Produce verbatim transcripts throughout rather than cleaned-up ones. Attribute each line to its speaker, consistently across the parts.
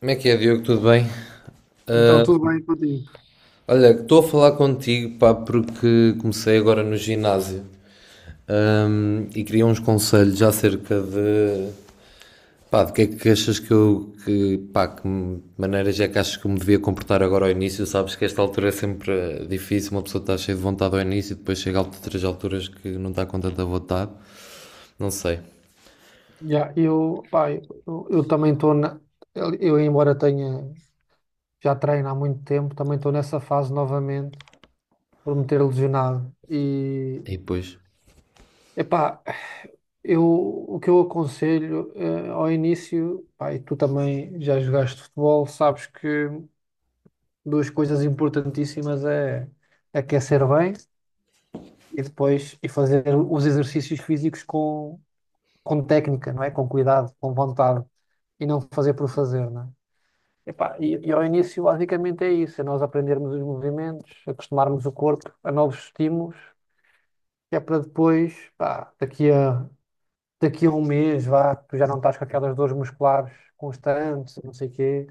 Speaker 1: Como é que é, Diogo? Tudo bem?
Speaker 2: Então, tudo bem contigo?
Speaker 1: Olha, estou a falar contigo, pá, porque comecei agora no ginásio, hum, e queria uns conselhos acerca de, pá, de que é que achas que eu, que, pá, que maneiras é que achas que eu me devia comportar agora ao início? Sabes que esta altura é sempre eh, difícil, uma pessoa está cheia de vontade ao início e depois chega a outras alturas que não está com tanta vontade, não sei.
Speaker 2: Yeah, eu, pá, eu, eu também estou na. Eu, eu, embora tenha já treino há muito tempo, também estou nessa fase novamente por me ter lesionado. E,
Speaker 1: E depois...
Speaker 2: epá, eu, o que eu aconselho eh, ao início, pá, e tu também já jogaste futebol, sabes que duas coisas importantíssimas é aquecer bem e depois e fazer os exercícios físicos com, com técnica, não é? Com cuidado, com vontade e não fazer por fazer, não é? Epá, e, e ao início, basicamente, é isso: é nós aprendermos os movimentos, acostumarmos o corpo a novos estímulos, que é para depois, pá, daqui a, daqui a um mês, vá, tu já não estás com aquelas dores musculares constantes, não sei o quê,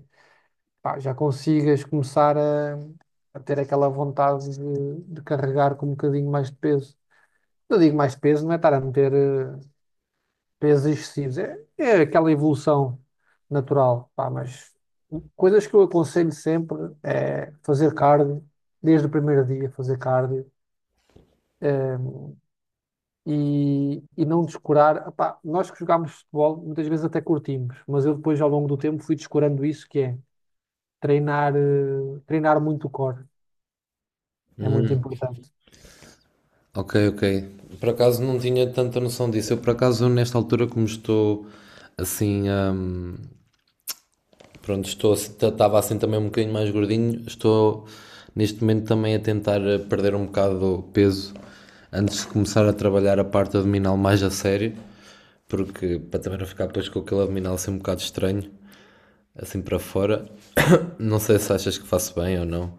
Speaker 2: pá, já consigas começar a, a ter aquela vontade de, de carregar com um bocadinho mais de peso. Eu digo mais de peso, não é estar a meter eh, pesos excessivos. É, é aquela evolução natural, pá, mas coisas que eu aconselho sempre é fazer cardio, desde o primeiro dia fazer cardio, eh, e, e não descurar. Pá, nós que jogámos futebol, muitas vezes até curtimos, mas eu depois ao longo do tempo fui descurando isso, que é treinar, eh, treinar muito o core. É muito importante.
Speaker 1: Ok, ok. Por acaso não tinha tanta noção disso. Eu, por acaso, nesta altura, como estou assim, hum, pronto, estou, estava assim também um bocadinho mais gordinho. Estou neste momento também a tentar eh, perder um bocado de peso antes de começar a trabalhar a parte abdominal mais a sério, porque para também não ficar depois com aquele abdominal assim um bocado estranho, assim para fora. Não sei se achas que faço bem ou não.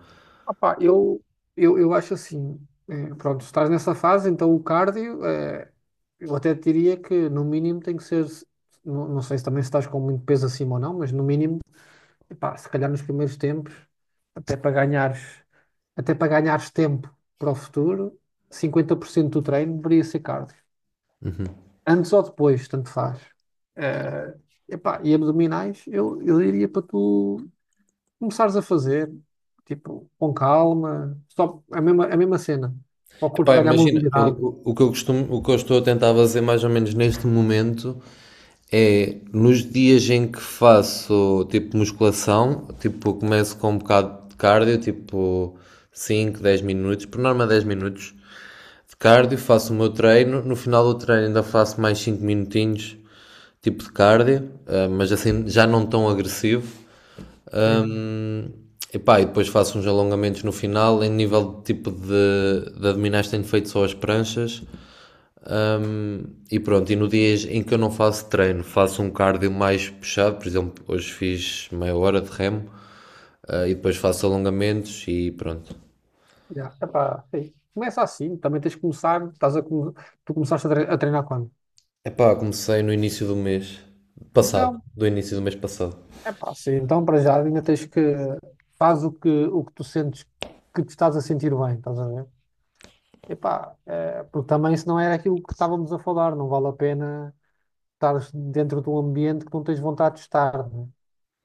Speaker 2: Opa, eu, eu, eu acho assim, eh, pronto, estás nessa fase, então o cardio, eh, eu até diria que no mínimo tem que ser, não, não sei se também se estás com muito peso acima ou não, mas no mínimo, epá, se calhar nos primeiros tempos, até para ganhares, até para ganhares tempo para o futuro, cinquenta por cento do treino deveria ser cardio. Antes ou depois, tanto faz. Eh, epá, e abdominais, eu, eu diria para tu começares a fazer, tipo, com calma, só a mesma, a mesma cena, para o corpo
Speaker 1: Epá,
Speaker 2: ganhar
Speaker 1: imagina, o,
Speaker 2: mobilidade,
Speaker 1: o o que eu costumo, o que eu estou a tentar fazer mais ou menos neste momento é nos dias em que faço tipo musculação, tipo começo com um bocado de cardio, tipo cinco dez minutos, por norma dez minutos de cardio, faço o meu treino, no final do treino ainda faço mais cinco minutinhos tipo de cardio, eh, mas assim já não tão agressivo.
Speaker 2: né?
Speaker 1: Epá, e depois faço uns alongamentos no final. Em nível de tipo de, de abdominais, tenho feito só as pranchas. E pronto, e no dias em que eu não faço treino, faço um cardio mais puxado, por exemplo, hoje fiz meia hora de remo, ah, e depois faço alongamentos e pronto.
Speaker 2: Já, epá, sim. Começa assim, também tens de começar, estás a, come- tu começaste a tre- a treinar quando?
Speaker 1: Epá, comecei no início do mês passado,
Speaker 2: Então,
Speaker 1: do início do mês passado.
Speaker 2: epá, sim, então para já ainda tens que, faz o que, o que tu sentes que te estás a sentir bem, estás a ver? Epá, eh, porque também isso não era aquilo que estávamos a falar, não vale a pena estar dentro de um ambiente que não tens vontade de estar, né?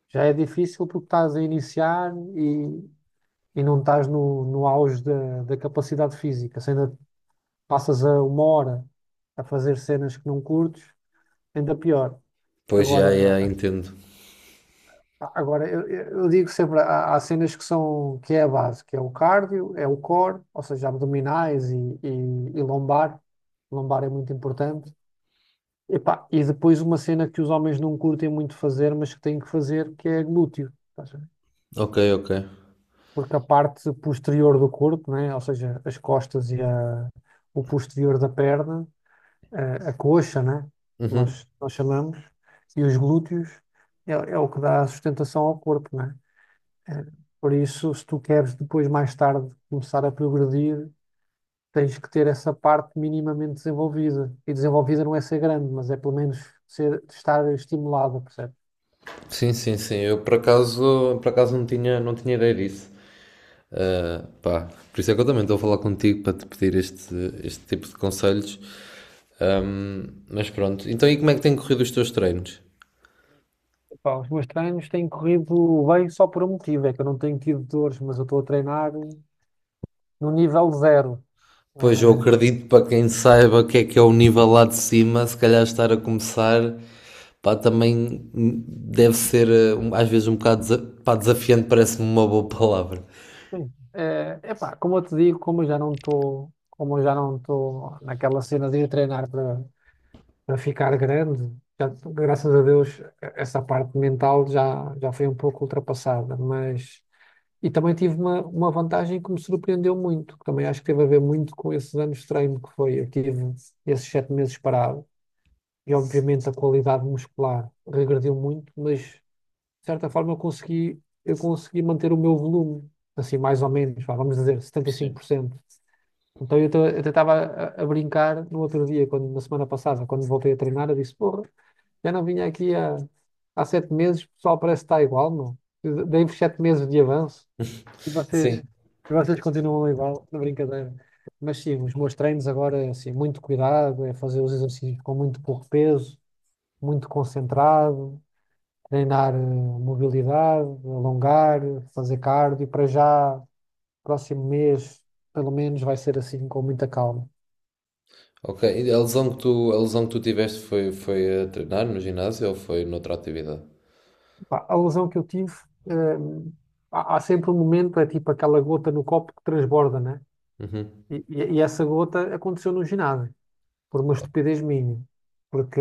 Speaker 2: Já é difícil porque estás a iniciar e e não estás no, no auge da, da capacidade física, se ainda passas a uma hora a fazer cenas que não curtes, ainda pior.
Speaker 1: Pois já,
Speaker 2: Agora,
Speaker 1: já, entendo.
Speaker 2: agora eu, eu digo sempre, há, há cenas que são, que é a base, que é o cardio, é o core, ou seja, abdominais e, e, e lombar. Lombar é muito importante. Epá, e depois uma cena que os homens não curtem muito fazer, mas que têm que fazer, que é glúteo.
Speaker 1: Ok, ok.
Speaker 2: Porque a parte posterior do corpo, né? Ou seja, as costas e a- o posterior da perna, a, a coxa, né?
Speaker 1: Uhum.
Speaker 2: Nós, nós chamamos, e os glúteos, é, é o que dá a sustentação ao corpo, né? É, por isso, se tu queres depois, mais tarde, começar a progredir, tens que ter essa parte minimamente desenvolvida. E desenvolvida não é ser grande, mas é pelo menos ser, estar estimulada, percebe?
Speaker 1: Sim, sim, sim. Eu por acaso, por acaso não tinha, não tinha ideia disso. Pá, por isso é que eu também estou a falar contigo para te pedir este, este tipo de conselhos. Mas pronto. Então, e como é que têm corrido os teus treinos?
Speaker 2: Pá, os meus treinos têm corrido bem só por um motivo, é que eu não tenho tido dores, mas eu estou a treinar no nível zero.
Speaker 1: Pois eu
Speaker 2: Eh,
Speaker 1: acredito para quem saiba o que é que é o nível lá de cima, se calhar estar a começar, pá, também deve ser eh, um- às vezes um bocado desa- pá, desafiante, parece-me uma boa palavra.
Speaker 2: sim. É epá, como eu te digo, como eu já não estou, como eu já não estou naquela cena de ir treinar para para ficar grande, já, graças a Deus eh, essa parte mental já, já foi um pouco ultrapassada, mas e também tive uma, uma vantagem que me surpreendeu muito, que também acho que teve a ver muito com esses anos de treino que foi, eu tive esses sete meses parado e obviamente a qualidade muscular regrediu muito, mas de certa forma, eu consegui, eu consegui manter o meu volume, assim, mais ou menos, vá, vamos dizer, setenta e cinco por cento. Então, eu até estava a, a brincar no outro dia, quando, na semana passada, quando voltei a treinar, eu disse, porra, já não vinha aqui há, há sete meses, o pessoal parece que está igual, meu. Eu Dei-vos sete meses de avanço e
Speaker 1: Sim.
Speaker 2: vocês, e vocês continuam igual, na brincadeira. Mas sim, os meus treinos agora, é assim, muito cuidado, é fazer os exercícios com muito pouco peso, muito concentrado, treinar eh, mobilidade, alongar, fazer cardio. Para já, próximo mês, pelo menos, vai ser assim, com muita calma.
Speaker 1: Ok. E a lesão que tu, a lesão que tu tiveste foi, foi a treinar no ginásio ou foi noutra atividade?
Speaker 2: Pá, a lesão que eu tive, eh, há, há sempre um momento, é tipo aquela gota no copo que transborda, né?
Speaker 1: Uhum.
Speaker 2: E, e- e essa gota aconteceu no ginásio, por uma estupidez minha. Porque,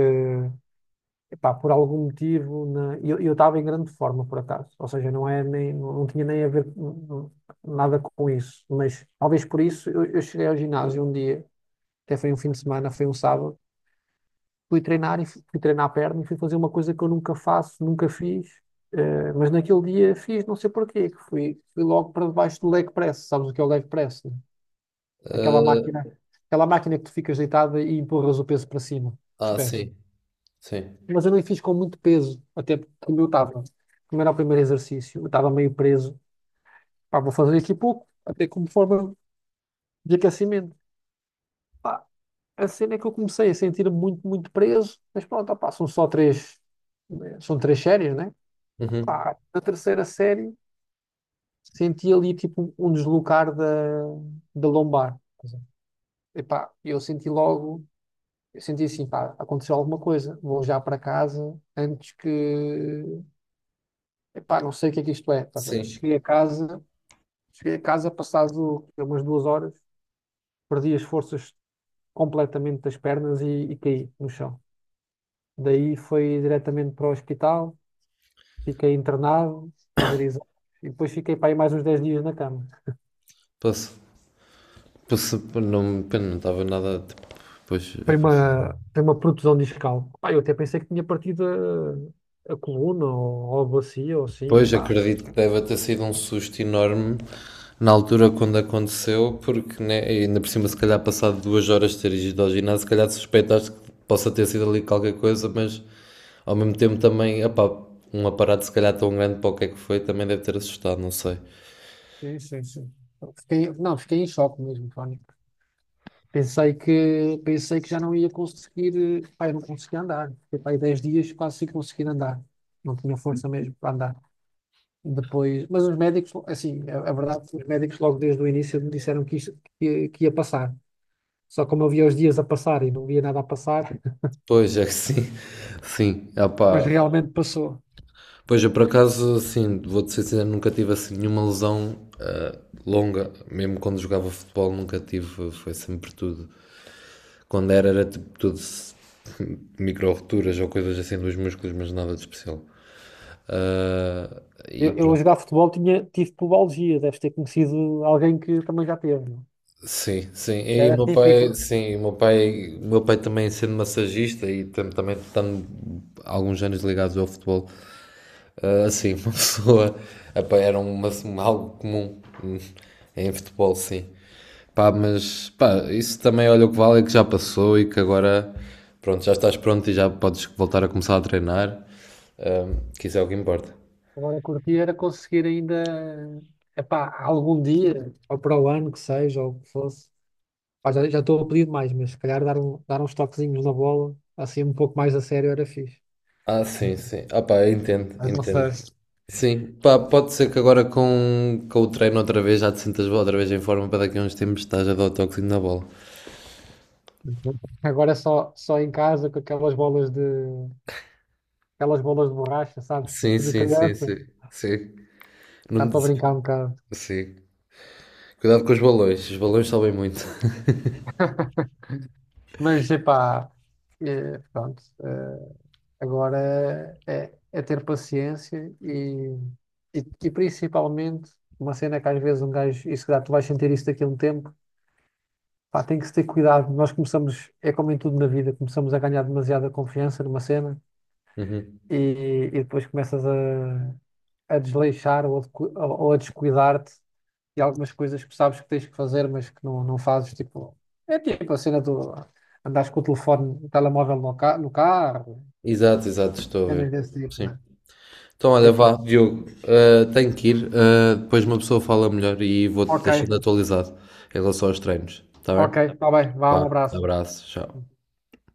Speaker 2: epá, por algum motivo, na- eu eu estava em grande forma, por acaso. Ou seja, não é nem, não não tinha nem a ver hum, hum, nada com isso. Mas talvez por isso eu, eu cheguei ao ginásio um dia até foi um fim de semana, foi um sábado, fui treinar e fui, fui treinar a perna e fui fazer uma coisa que eu nunca faço, nunca fiz, eh, mas naquele dia fiz, não sei porquê, que fui, fui logo para debaixo do leg press, sabes o que é o leg press? Né? Aquela máquina, aquela máquina que tu ficas deitada e empurras o peso para cima, os
Speaker 1: Ah,
Speaker 2: pés.
Speaker 1: sim. Sim.
Speaker 2: Mas eu não fiz com muito peso, até porque como eu estava, como era o primeiro exercício, eu estava meio preso, pá, vou fazer aqui pouco, até como forma de aquecimento. A cena é que eu comecei a sentir-me muito, muito preso, mas pronto, opá, são só três, eh, são três séries, né?
Speaker 1: Uhum.
Speaker 2: Pá, na terceira série senti ali tipo um deslocar da, da lombar. Epá, eu senti logo, eu senti assim, pá, aconteceu alguma coisa, vou já para casa antes que, epá, não sei o que é que isto é. Estás a ver?
Speaker 1: Sim.
Speaker 2: Cheguei a casa, cheguei a casa passado umas duas horas, perdi as forças completamente das pernas e, e caí no chão. Daí foi diretamente para o hospital. Fiquei internado, fazer exames, e depois fiquei para aí mais uns dez dias na cama.
Speaker 1: Posso, posso, não, pena, não estava nada, tipo, pois.
Speaker 2: Foi uma, foi uma protusão discal. Pá, eu até pensei que tinha partido a, a coluna ou, ou a bacia ou assim,
Speaker 1: Pois,
Speaker 2: pá.
Speaker 1: acredito que deve ter sido um susto enorme na altura quando aconteceu, porque né, e ainda por cima, se calhar, passado duas horas de ter ido ao ginásio, se calhar suspeitaste que possa ter sido ali qualquer coisa, mas ao mesmo tempo também, epá, um aparato se calhar tão grande para o que é que foi também deve ter assustado, não sei.
Speaker 2: Sim, sim, sim. Fiquei, não, fiquei em choque mesmo, Fónico. Pensei que, pensei que já não ia conseguir, eh, pá, eu não conseguia andar. Fiquei para aí dez dias quase sem conseguir andar. Não tinha força mesmo para andar. Depois, mas os médicos, assim, a, a verdade, os médicos logo desde o início me disseram que, isto, que, que ia passar. Só como eu via os dias a passar e não via nada a passar,
Speaker 1: Pois, é que sim, sim,
Speaker 2: mas
Speaker 1: epá.
Speaker 2: realmente passou.
Speaker 1: Pois, eu por acaso, assim, vou-te ser sincero, nunca tive assim nenhuma lesão ah, longa, mesmo quando jogava futebol, nunca tive, foi sempre tudo. Quando era, era tipo tudo micro-roturas ou coisas assim dos músculos, mas nada de especial. Ah, e
Speaker 2: Eu, eu a
Speaker 1: pronto.
Speaker 2: jogar futebol tinha, tive pubalgia, deves ter conhecido alguém que também já teve. Não?
Speaker 1: Sim, sim. E o
Speaker 2: Era
Speaker 1: meu
Speaker 2: típico.
Speaker 1: pai, sim, o meu pai, o meu pai também sendo massagista e tam- também estando alguns anos ligados ao futebol, ah, assim, uma pessoa. Epá, era uma, uma- algo comum hum, em futebol, sim. Pá, mas pá, isso também olha o que vale é que já passou e que agora pronto, já estás pronto e já podes voltar a começar a treinar. Ahm, que isso é o que importa.
Speaker 2: Agora curtir era conseguir ainda, epá, algum dia, ou para o ano que seja, ou o que fosse. Pá, já, já estou a pedir mais, mas se calhar dar, um, dar uns toquezinhos na bola, assim um pouco mais a sério era fixe.
Speaker 1: Ah, sim, sim. Ah, pá, eu entendo,
Speaker 2: Mas não
Speaker 1: entendo.
Speaker 2: sei.
Speaker 1: Sim, pá, pode ser que agora com, com o treino outra vez já te sintas outra vez em forma para daqui a uns tempos estás a dar o toquezinho na bola.
Speaker 2: Agora é só, só em casa com aquelas bolas de aquelas bolas de borracha, sabes?
Speaker 1: Sim,
Speaker 2: Tipo de
Speaker 1: sim, sim,
Speaker 2: criança.
Speaker 1: sim. Sim.
Speaker 2: Dá
Speaker 1: Não-
Speaker 2: para brincar um bocado.
Speaker 1: sim. Cuidado com os balões, os balões sobem muito.
Speaker 2: Mas, epá, é, pronto. Eh, agora é, é ter paciência e, e, e principalmente uma cena que às vezes um gajo, isso dá, tu vais sentir isso daqui a um tempo, pá, tem que se ter cuidado. Nós começamos, é como em tudo na vida, começamos a ganhar demasiada confiança numa cena
Speaker 1: Uhum.
Speaker 2: e, e depois começas a, a desleixar ou a, decu- ou a descuidar-te e algumas coisas que sabes que tens que fazer, mas que não, não fazes, tipo, é tipo a cena do andares com o telefone, o telemóvel no, ca no carro,
Speaker 1: Exato, exato, estou a
Speaker 2: cenas
Speaker 1: ver.
Speaker 2: desse tipo,
Speaker 1: Sim.
Speaker 2: né?
Speaker 1: Então,
Speaker 2: E,
Speaker 1: olha,
Speaker 2: pá,
Speaker 1: vá, Diogo, ah, tenho que ir. Ah, depois uma pessoa fala melhor e vou-te
Speaker 2: ok,
Speaker 1: deixando atualizado em relação aos treinos. Está
Speaker 2: ok,
Speaker 1: bem?
Speaker 2: está bem, vá, um
Speaker 1: Vá,
Speaker 2: abraço.
Speaker 1: abraço, tchau.